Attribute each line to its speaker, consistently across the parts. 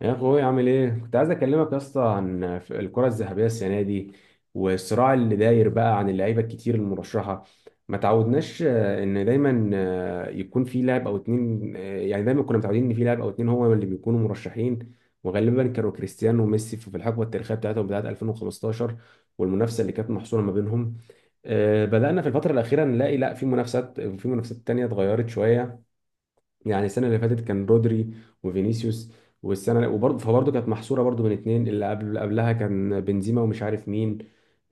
Speaker 1: يا اخوي، عامل ايه؟ كنت عايز اكلمك يا اسطى عن الكره الذهبيه السنه دي، والصراع اللي داير بقى عن اللعيبه الكتير المرشحه. ما تعودناش ان دايما يكون في لاعب او اتنين. يعني دايما كنا متعودين ان في لاعب او اتنين هو اللي بيكونوا مرشحين. وغالبا كانوا كريستيانو وميسي في الحقبه التاريخيه بتاعتهم، بتاعت 2015، والمنافسه اللي كانت محصوره ما بينهم. بدأنا في الفترة الأخيرة نلاقي لا، في منافسات تانية اتغيرت شوية. يعني السنه اللي فاتت كان رودري وفينيسيوس، والسنه فبرضه كانت محصوره برضه بين اتنين. اللي قبل اللي قبلها كان بنزيما ومش عارف مين.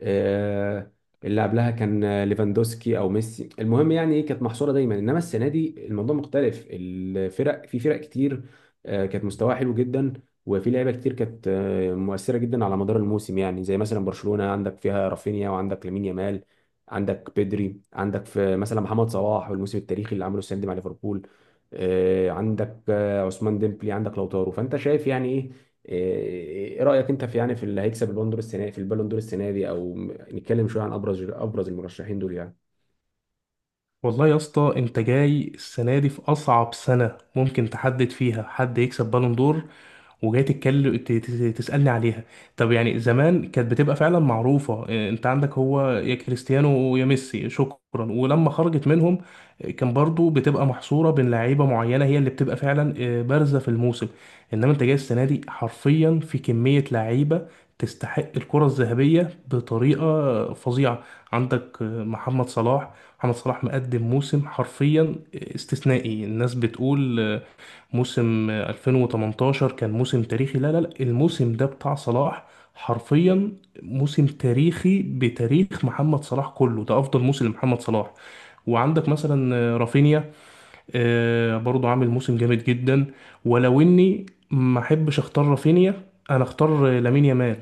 Speaker 1: آه، اللي قبلها كان ليفاندوسكي او ميسي. المهم يعني ايه، كانت محصوره دايما. انما السنه دي الموضوع مختلف، الفرق في فرق كتير، كانت مستواها حلو جدا. وفي لعيبه كتير كانت مؤثره جدا على مدار الموسم. يعني زي مثلا برشلونه، عندك فيها رافينيا وعندك لامين يامال، عندك بيدري، عندك في مثلا محمد صلاح والموسم التاريخي اللي عمله السنه دي مع ليفربول. عندك عثمان ديمبلي، عندك لوتارو. فانت شايف يعني ايه؟ إيه رايك انت في، يعني، في اللي هيكسب البالون دور السنه، في البالون دور السنه دي؟ او نتكلم شويه عن ابرز المرشحين دول يعني.
Speaker 2: والله يا اسطى، انت جاي السنه دي في اصعب سنه ممكن تحدد فيها حد يكسب بالون دور، وجاي تتكلم تسالني عليها. طب يعني زمان كانت بتبقى فعلا معروفه، انت عندك هو يا كريستيانو ويا ميسي، شكرا. ولما خرجت منهم، اه، كان برضو بتبقى محصوره بين لعيبه معينه هي اللي بتبقى فعلا بارزه في الموسم. انما انت جاي السنه دي حرفيا في كميه لعيبه تستحق الكره الذهبيه بطريقه فظيعه. عندك محمد صلاح. محمد صلاح مقدم موسم حرفيا استثنائي. الناس بتقول، موسم 2018 كان موسم تاريخي. لا لا لا، الموسم ده بتاع صلاح حرفيا. موسم تاريخي بتاريخ محمد صلاح كله، ده افضل موسم لمحمد صلاح. وعندك مثلا رافينيا، برضو عامل موسم جامد جدا. ولو اني ما احبش اختار رافينيا، انا اختار لامين يامال.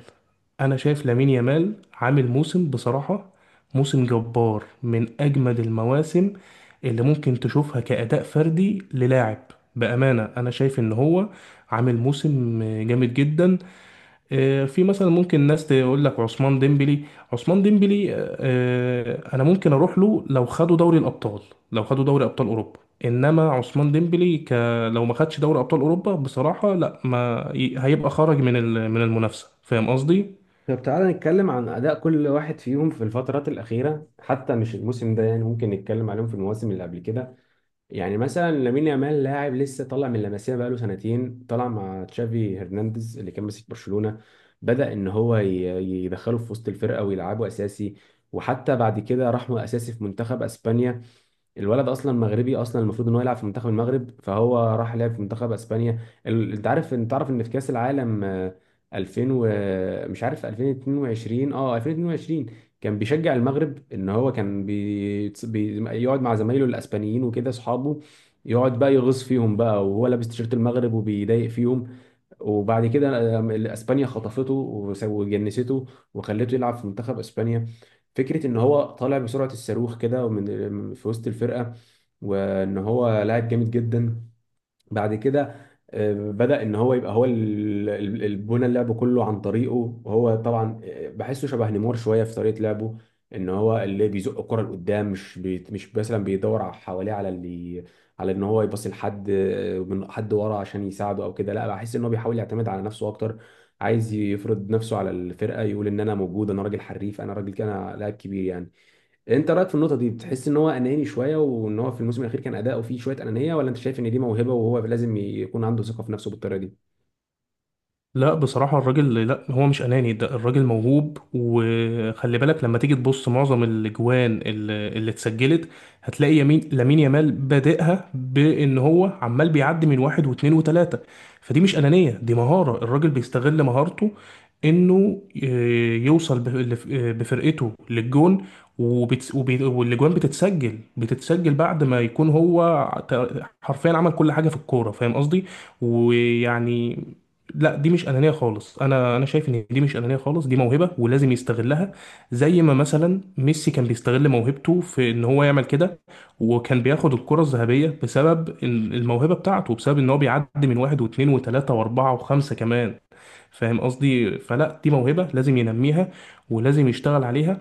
Speaker 2: انا شايف لامين يامال عامل موسم، بصراحة موسم جبار، من اجمد المواسم اللي ممكن تشوفها كأداء فردي للاعب. بأمانة انا شايف ان هو عامل موسم جامد جدا. في مثلا ممكن ناس تقول لك عثمان ديمبلي. عثمان ديمبلي، انا ممكن اروح له لو خدوا دوري الابطال، لو خدوا دوري ابطال اوروبا. انما عثمان ديمبلي لو ما خدش دوري ابطال اوروبا بصراحة، لا، ما هيبقى خرج من من المنافسة، فاهم قصدي؟
Speaker 1: طب تعالى نتكلم عن اداء كل واحد فيهم في الفترات الاخيره، حتى مش الموسم ده يعني، ممكن نتكلم عليهم في المواسم اللي قبل كده. يعني مثلا لامين يامال لاعب لسه طالع من لاماسيا بقاله سنتين، طالع مع تشافي هرنانديز اللي كان ماسك برشلونة. بدأ ان هو يدخله في وسط الفرقة ويلعبه اساسي. وحتى بعد كده راح اساسي في منتخب اسبانيا. الولد اصلا مغربي، اصلا المفروض ان هو يلعب في منتخب المغرب، فهو راح لعب في منتخب اسبانيا. انت عارف ان في كاس العالم، 2000 و... مش عارف، 2022، اه، 2022 كان بيشجع المغرب. ان هو كان يقعد مع زمايله الاسبانيين وكده اصحابه. يقعد بقى يغص فيهم بقى، وهو لابس تيشيرت المغرب وبيضايق فيهم. وبعد كده اسبانيا خطفته وجنسته. وخلته يلعب في منتخب اسبانيا. فكره ان هو طالع بسرعه الصاروخ كده ومن في وسط الفرقه، وان هو لاعب جامد جدا. بعد كده بدأ ان هو يبقى هو البنى اللعب كله عن طريقه. وهو طبعا بحسه شبه نيمار شويه في طريقه لعبه. ان هو اللي بيزق الكره لقدام، مش مثلا بيدور حواليه على اللي، على ان هو يباصي لحد من حد ورا عشان يساعده او كده. لا، بحس ان هو بيحاول يعتمد على نفسه اكتر. عايز يفرض نفسه على الفرقه، يقول ان انا موجود، انا راجل حريف، انا راجل كده، انا لاعب كبير يعني. انت رايك في النقطه دي، بتحس ان هو اناني شويه وان هو في الموسم الاخير كان اداؤه فيه شويه انانيه؟ ولا انت شايف ان دي موهبه وهو لازم يكون عنده ثقه في نفسه بالطريقه دي؟
Speaker 2: لا بصراحة، الراجل لا، هو مش أناني. ده الراجل موهوب، وخلي بالك لما تيجي تبص، معظم الأجوان اللي اتسجلت، هتلاقي يمين لامين يامال بادئها، بإن هو عمال بيعدي من واحد واتنين وتلاتة. فدي مش أنانية، دي مهارة. الراجل بيستغل مهارته إنه يوصل بفرقته للجون. والأجوان بتتسجل، بعد ما يكون هو حرفيا عمل كل حاجة في الكورة. فاهم قصدي؟ ويعني لا، دي مش انانيه خالص. انا شايف ان دي مش انانيه خالص، دي موهبه ولازم يستغلها. زي ما مثلا ميسي كان بيستغل موهبته في ان هو يعمل كده، وكان بياخد الكره الذهبيه بسبب الموهبه بتاعته، بسبب ان هو بيعدي من واحد واثنين وثلاثه واربعه وخمسه كمان. فاهم قصدي؟ فلا، دي موهبه لازم ينميها ولازم يشتغل عليها.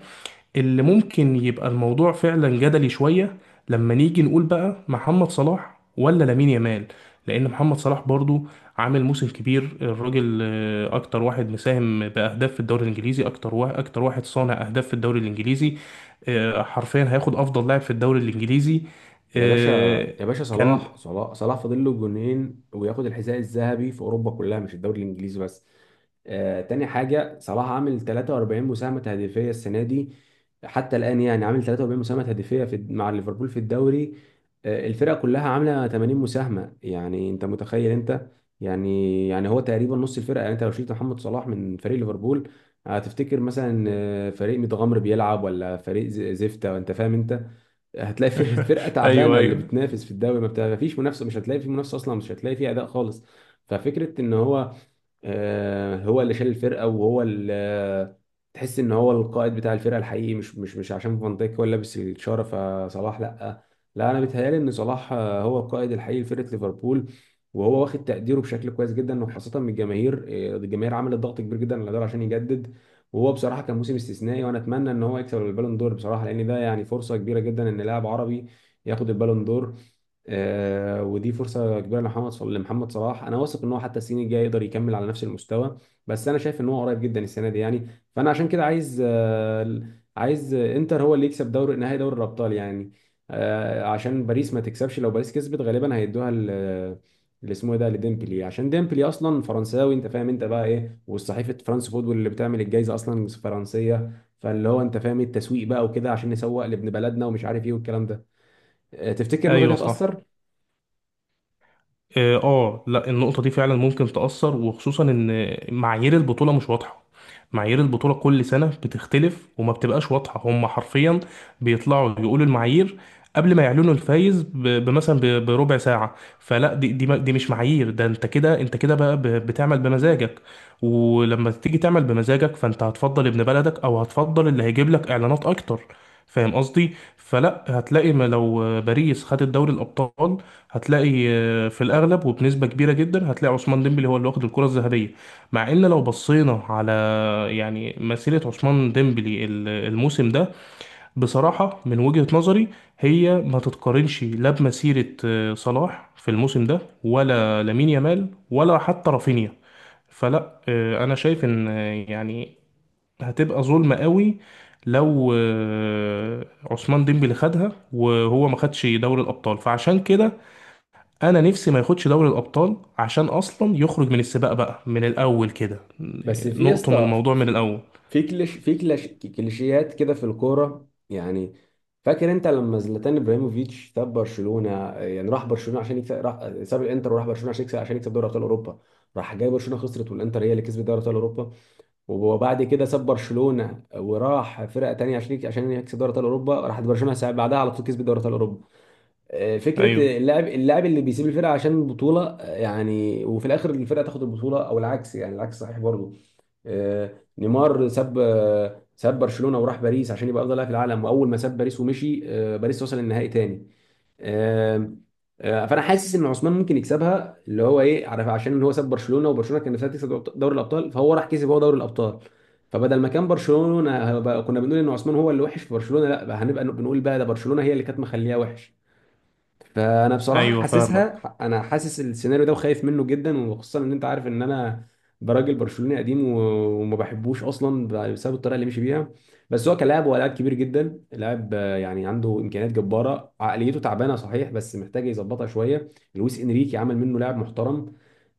Speaker 2: اللي ممكن يبقى الموضوع فعلا جدلي شوية لما نيجي نقول بقى محمد صلاح ولا لامين يامال. لأن محمد صلاح برضو عامل موسم كبير. الراجل أكتر واحد مساهم بأهداف في الدوري الإنجليزي، أكتر واحد صانع أهداف في الدوري الإنجليزي. حرفيا هياخد أفضل لاعب في الدوري الإنجليزي.
Speaker 1: يا باشا،
Speaker 2: آه،
Speaker 1: يا باشا،
Speaker 2: كان
Speaker 1: صلاح، صلاح، صلاح فاضل له جونين وياخد الحذاء الذهبي في اوروبا كلها مش الدوري الانجليزي بس. تاني حاجه، صلاح عامل 43 مساهمه هدفيه السنه دي. حتى الان، يعني عامل 43 مساهمه هدفيه مع ليفربول في الدوري. الفرقه كلها عامله 80 مساهمه. يعني انت متخيل انت؟ يعني هو تقريبا نص الفرقه. يعني انت لو شلت محمد صلاح من فريق ليفربول، هتفتكر مثلا فريق متغمر بيلعب ولا فريق زفته؟ انت فاهم انت؟ هتلاقي فيه فرقه
Speaker 2: أيوه،
Speaker 1: تعبانه. اللي
Speaker 2: أيوه،
Speaker 1: بتنافس في الدوري ما فيش منافسه، مش هتلاقي في منافسه اصلا، مش هتلاقي في اداء خالص. ففكره ان هو هو اللي شال الفرقه، وهو اللي تحس ان هو القائد بتاع الفرقه الحقيقي. مش عشان فان دايك هو اللي لابس الشاره فصلاح لا. لا، انا بيتهيالي ان صلاح هو القائد الحقيقي لفرقه ليفربول. وهو واخد تقديره بشكل كويس جدا، وخاصه من الجماهير. الجماهير عملت ضغط كبير جدا على دول عشان يجدد. وهو بصراحه كان موسم استثنائي، وانا اتمنى ان هو يكسب البالون دور بصراحه، لان ده يعني فرصه كبيره جدا ان لاعب عربي ياخد البالون دور. ودي فرصه كبيره لمحمد صلاح. انا واثق ان هو حتى السنين الجايه يقدر يكمل على نفس المستوى. بس انا شايف ان هو قريب جدا السنه دي يعني. فانا عشان كده عايز انتر هو اللي يكسب نهائي دوري الابطال يعني. عشان باريس ما تكسبش. لو باريس كسبت، غالبا هيدوها اللي اسمه إيه ده، لديمبلي، عشان ديمبلي اصلا فرنساوي. انت فاهم انت بقى ايه؟ والصحيفه فرانس فوتبول اللي بتعمل الجائزه اصلا فرنسيه. فاللي هو انت فاهم إيه، التسويق بقى وكده، عشان نسوق لابن بلدنا ومش عارف ايه والكلام ده. تفتكر النقطه دي
Speaker 2: أيوه، صح.
Speaker 1: هتاثر؟
Speaker 2: لا، النقطة دي فعلا ممكن تأثر، وخصوصا ان معايير البطولة مش واضحة. معايير البطولة كل سنة بتختلف وما بتبقاش واضحة. هم حرفيا بيطلعوا يقولوا المعايير قبل ما يعلنوا الفايز، بمثلا بربع ساعة. فلا، دي مش معايير. ده انت كده، انت كده بقى بتعمل بمزاجك. ولما تيجي تعمل بمزاجك، فانت هتفضل ابن بلدك او هتفضل اللي هيجيب لك اعلانات اكتر. فاهم قصدي؟ فلا، هتلاقي، ما لو باريس خدت دوري الابطال، هتلاقي في الاغلب وبنسبه كبيره جدا، هتلاقي عثمان ديمبلي هو اللي واخد الكره الذهبيه. مع ان لو بصينا على، يعني، مسيره عثمان ديمبلي الموسم ده، بصراحه من وجهه نظري، هي ما تتقارنش لا بمسيره صلاح في الموسم ده، ولا لامين يامال، ولا حتى رافينيا. فلا، انا شايف ان، يعني، هتبقى ظلمه قوي لو عثمان ديمبلي خدها وهو ما خدش دوري الابطال. فعشان كده انا نفسي ما ياخدش دوري الابطال عشان اصلا يخرج من السباق بقى من الاول كده.
Speaker 1: بس في يا
Speaker 2: نقطم
Speaker 1: اسطى،
Speaker 2: الموضوع من الاول.
Speaker 1: في كليشيهات كده في الكوره يعني. فاكر انت لما زلاتان ابراهيموفيتش ساب برشلونه؟ يعني راح برشلونه عشان يكسب، راح ساب الانتر وراح برشلونه عشان يكسب دوري ابطال اوروبا. راح جاي برشلونه خسرت، والانتر هي اللي كسبت دوري ابطال اوروبا. وبعد كده ساب برشلونه وراح فرقه تانيه عشان يكسب دوري ابطال اوروبا. راحت برشلونه بعدها على طول كسبت دوري ابطال اوروبا.
Speaker 2: ايوه،
Speaker 1: فكره اللاعب، اللي بيسيب الفرقه عشان البطوله، يعني وفي الاخر الفرقه تاخد البطوله. او العكس يعني، العكس صحيح برضه. آه، نيمار ساب برشلونه وراح باريس عشان يبقى افضل لاعب في العالم. واول ما ساب باريس ومشي، باريس وصل النهائي تاني. آه، فانا حاسس ان عثمان ممكن يكسبها. اللي هو ايه، عارف، عشان هو ساب برشلونه وبرشلونه كان نفسها تكسب دوري الابطال، فهو راح كسب هو دوري الابطال. فبدل ما كان برشلونه، كنا بنقول ان عثمان هو اللي وحش في برشلونه، لا، بقى هنبقى بنقول بقى ده برشلونه هي اللي كانت مخليها وحش. فانا بصراحه
Speaker 2: ايوه، فاهمك.
Speaker 1: حاسسها، انا حاسس السيناريو ده وخايف منه جدا. وخصوصا ان انت عارف ان انا براجل برشلوني قديم وما بحبوش اصلا بسبب الطريقه اللي مشي بيها. بس هو كلاعب هو لاعب كبير جدا، لاعب يعني عنده امكانيات جباره. عقليته تعبانه صحيح بس محتاج يظبطها شويه. لويس انريكي عمل منه لاعب محترم.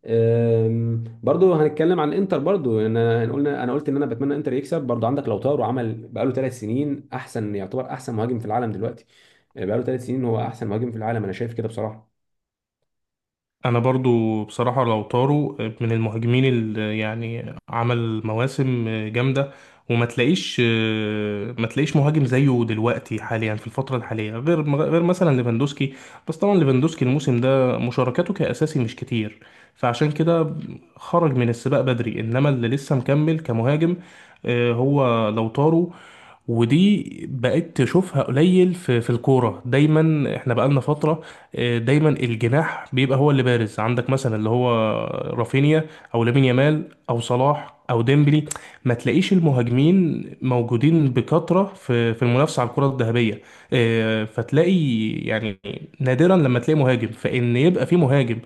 Speaker 1: برضو هنتكلم عن انتر. برضو ان انا قلت ان انا بتمنى انتر يكسب. برضو عندك لوتارو، عمل بقاله ثلاث سنين يعتبر احسن مهاجم في العالم دلوقتي. بقاله ثلاث سنين هو احسن مهاجم في العالم، انا شايف كده بصراحة.
Speaker 2: انا برضو بصراحة، لو طاروا من المهاجمين اللي يعني عمل مواسم جامدة، وما تلاقيش، ما تلاقيش مهاجم زيه دلوقتي حاليا في الفترة الحالية غير مثلا ليفاندوسكي. بس طبعا ليفاندوسكي الموسم ده مشاركاته كأساسي مش كتير، فعشان كده خرج من السباق بدري. انما اللي لسه مكمل كمهاجم، هو لو طاروا. ودي بقيت تشوفها قليل في الكورة، دايما احنا بقالنا فترة، دايما الجناح بيبقى هو اللي بارز. عندك مثلا اللي هو رافينيا، او لامين يامال، او صلاح، او ديمبلي. ما تلاقيش المهاجمين موجودين بكثرة في المنافسة على الكرة الذهبية. فتلاقي يعني نادرا لما تلاقي مهاجم، فإن يبقى في مهاجم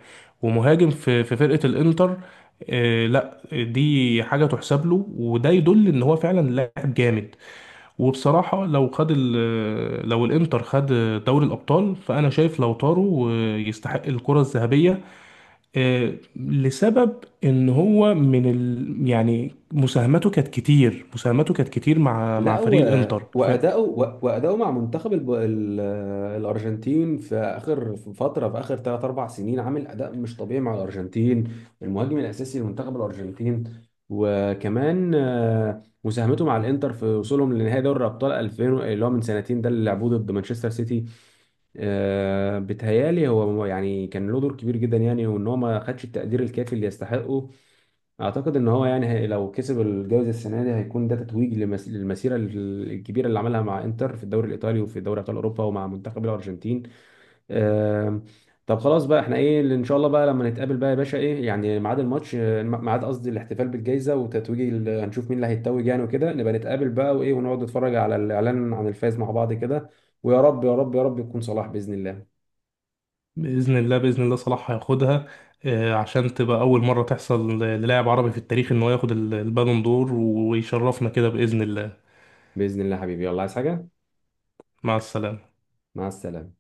Speaker 2: ومهاجم في فرقة الإنتر. لا، دي حاجة تحسب له، وده يدل إن هو فعلا لاعب جامد. وبصراحة لو خد لو الانتر خد دوري الابطال، فانا شايف لو طاروا يستحق الكرة الذهبية. لسبب ان هو من يعني مساهمته كانت كتير، مساهمته كانت كتير مع
Speaker 1: لا،
Speaker 2: فريق الانتر.
Speaker 1: وأداؤه مع منتخب الأرجنتين في آخر ثلاث أربع سنين عامل أداء مش طبيعي مع الأرجنتين. المهاجم الأساسي لمنتخب الأرجنتين. وكمان مساهمته مع الإنتر في وصولهم لنهائي دوري الأبطال 2000، اللي هو من سنتين ده اللي لعبوه ضد مانشستر سيتي. بتهيالي هو يعني كان له دور كبير جدا يعني. وإن هو ما خدش التقدير الكافي اللي يستحقه. اعتقد ان هو يعني هي لو كسب الجائزه السنه دي هيكون ده تتويج للمسيره الكبيره اللي عملها مع انتر في الدوري الايطالي وفي دوري ابطال اوروبا ومع منتخب الارجنتين. آم، طب خلاص بقى، احنا ايه اللي ان شاء الله بقى لما نتقابل بقى يا باشا، ايه يعني ميعاد الماتش، ميعاد قصدي الاحتفال بالجائزه وتتويج هنشوف مين اللي هيتوج يعني، وكده نبقى نتقابل بقى وايه ونقعد نتفرج على الاعلان عن الفايز مع بعض كده. ويا رب، يا رب، يا رب يكون صلاح باذن الله.
Speaker 2: فباذن الله، باذن الله صلاح هياخدها. عشان تبقى اول مرة تحصل للاعب عربي في التاريخ ان هو ياخد البالون دور، ويشرفنا كده باذن الله.
Speaker 1: باذن الله حبيبي يلا عايز حاجه
Speaker 2: مع السلامة.
Speaker 1: مع السلامه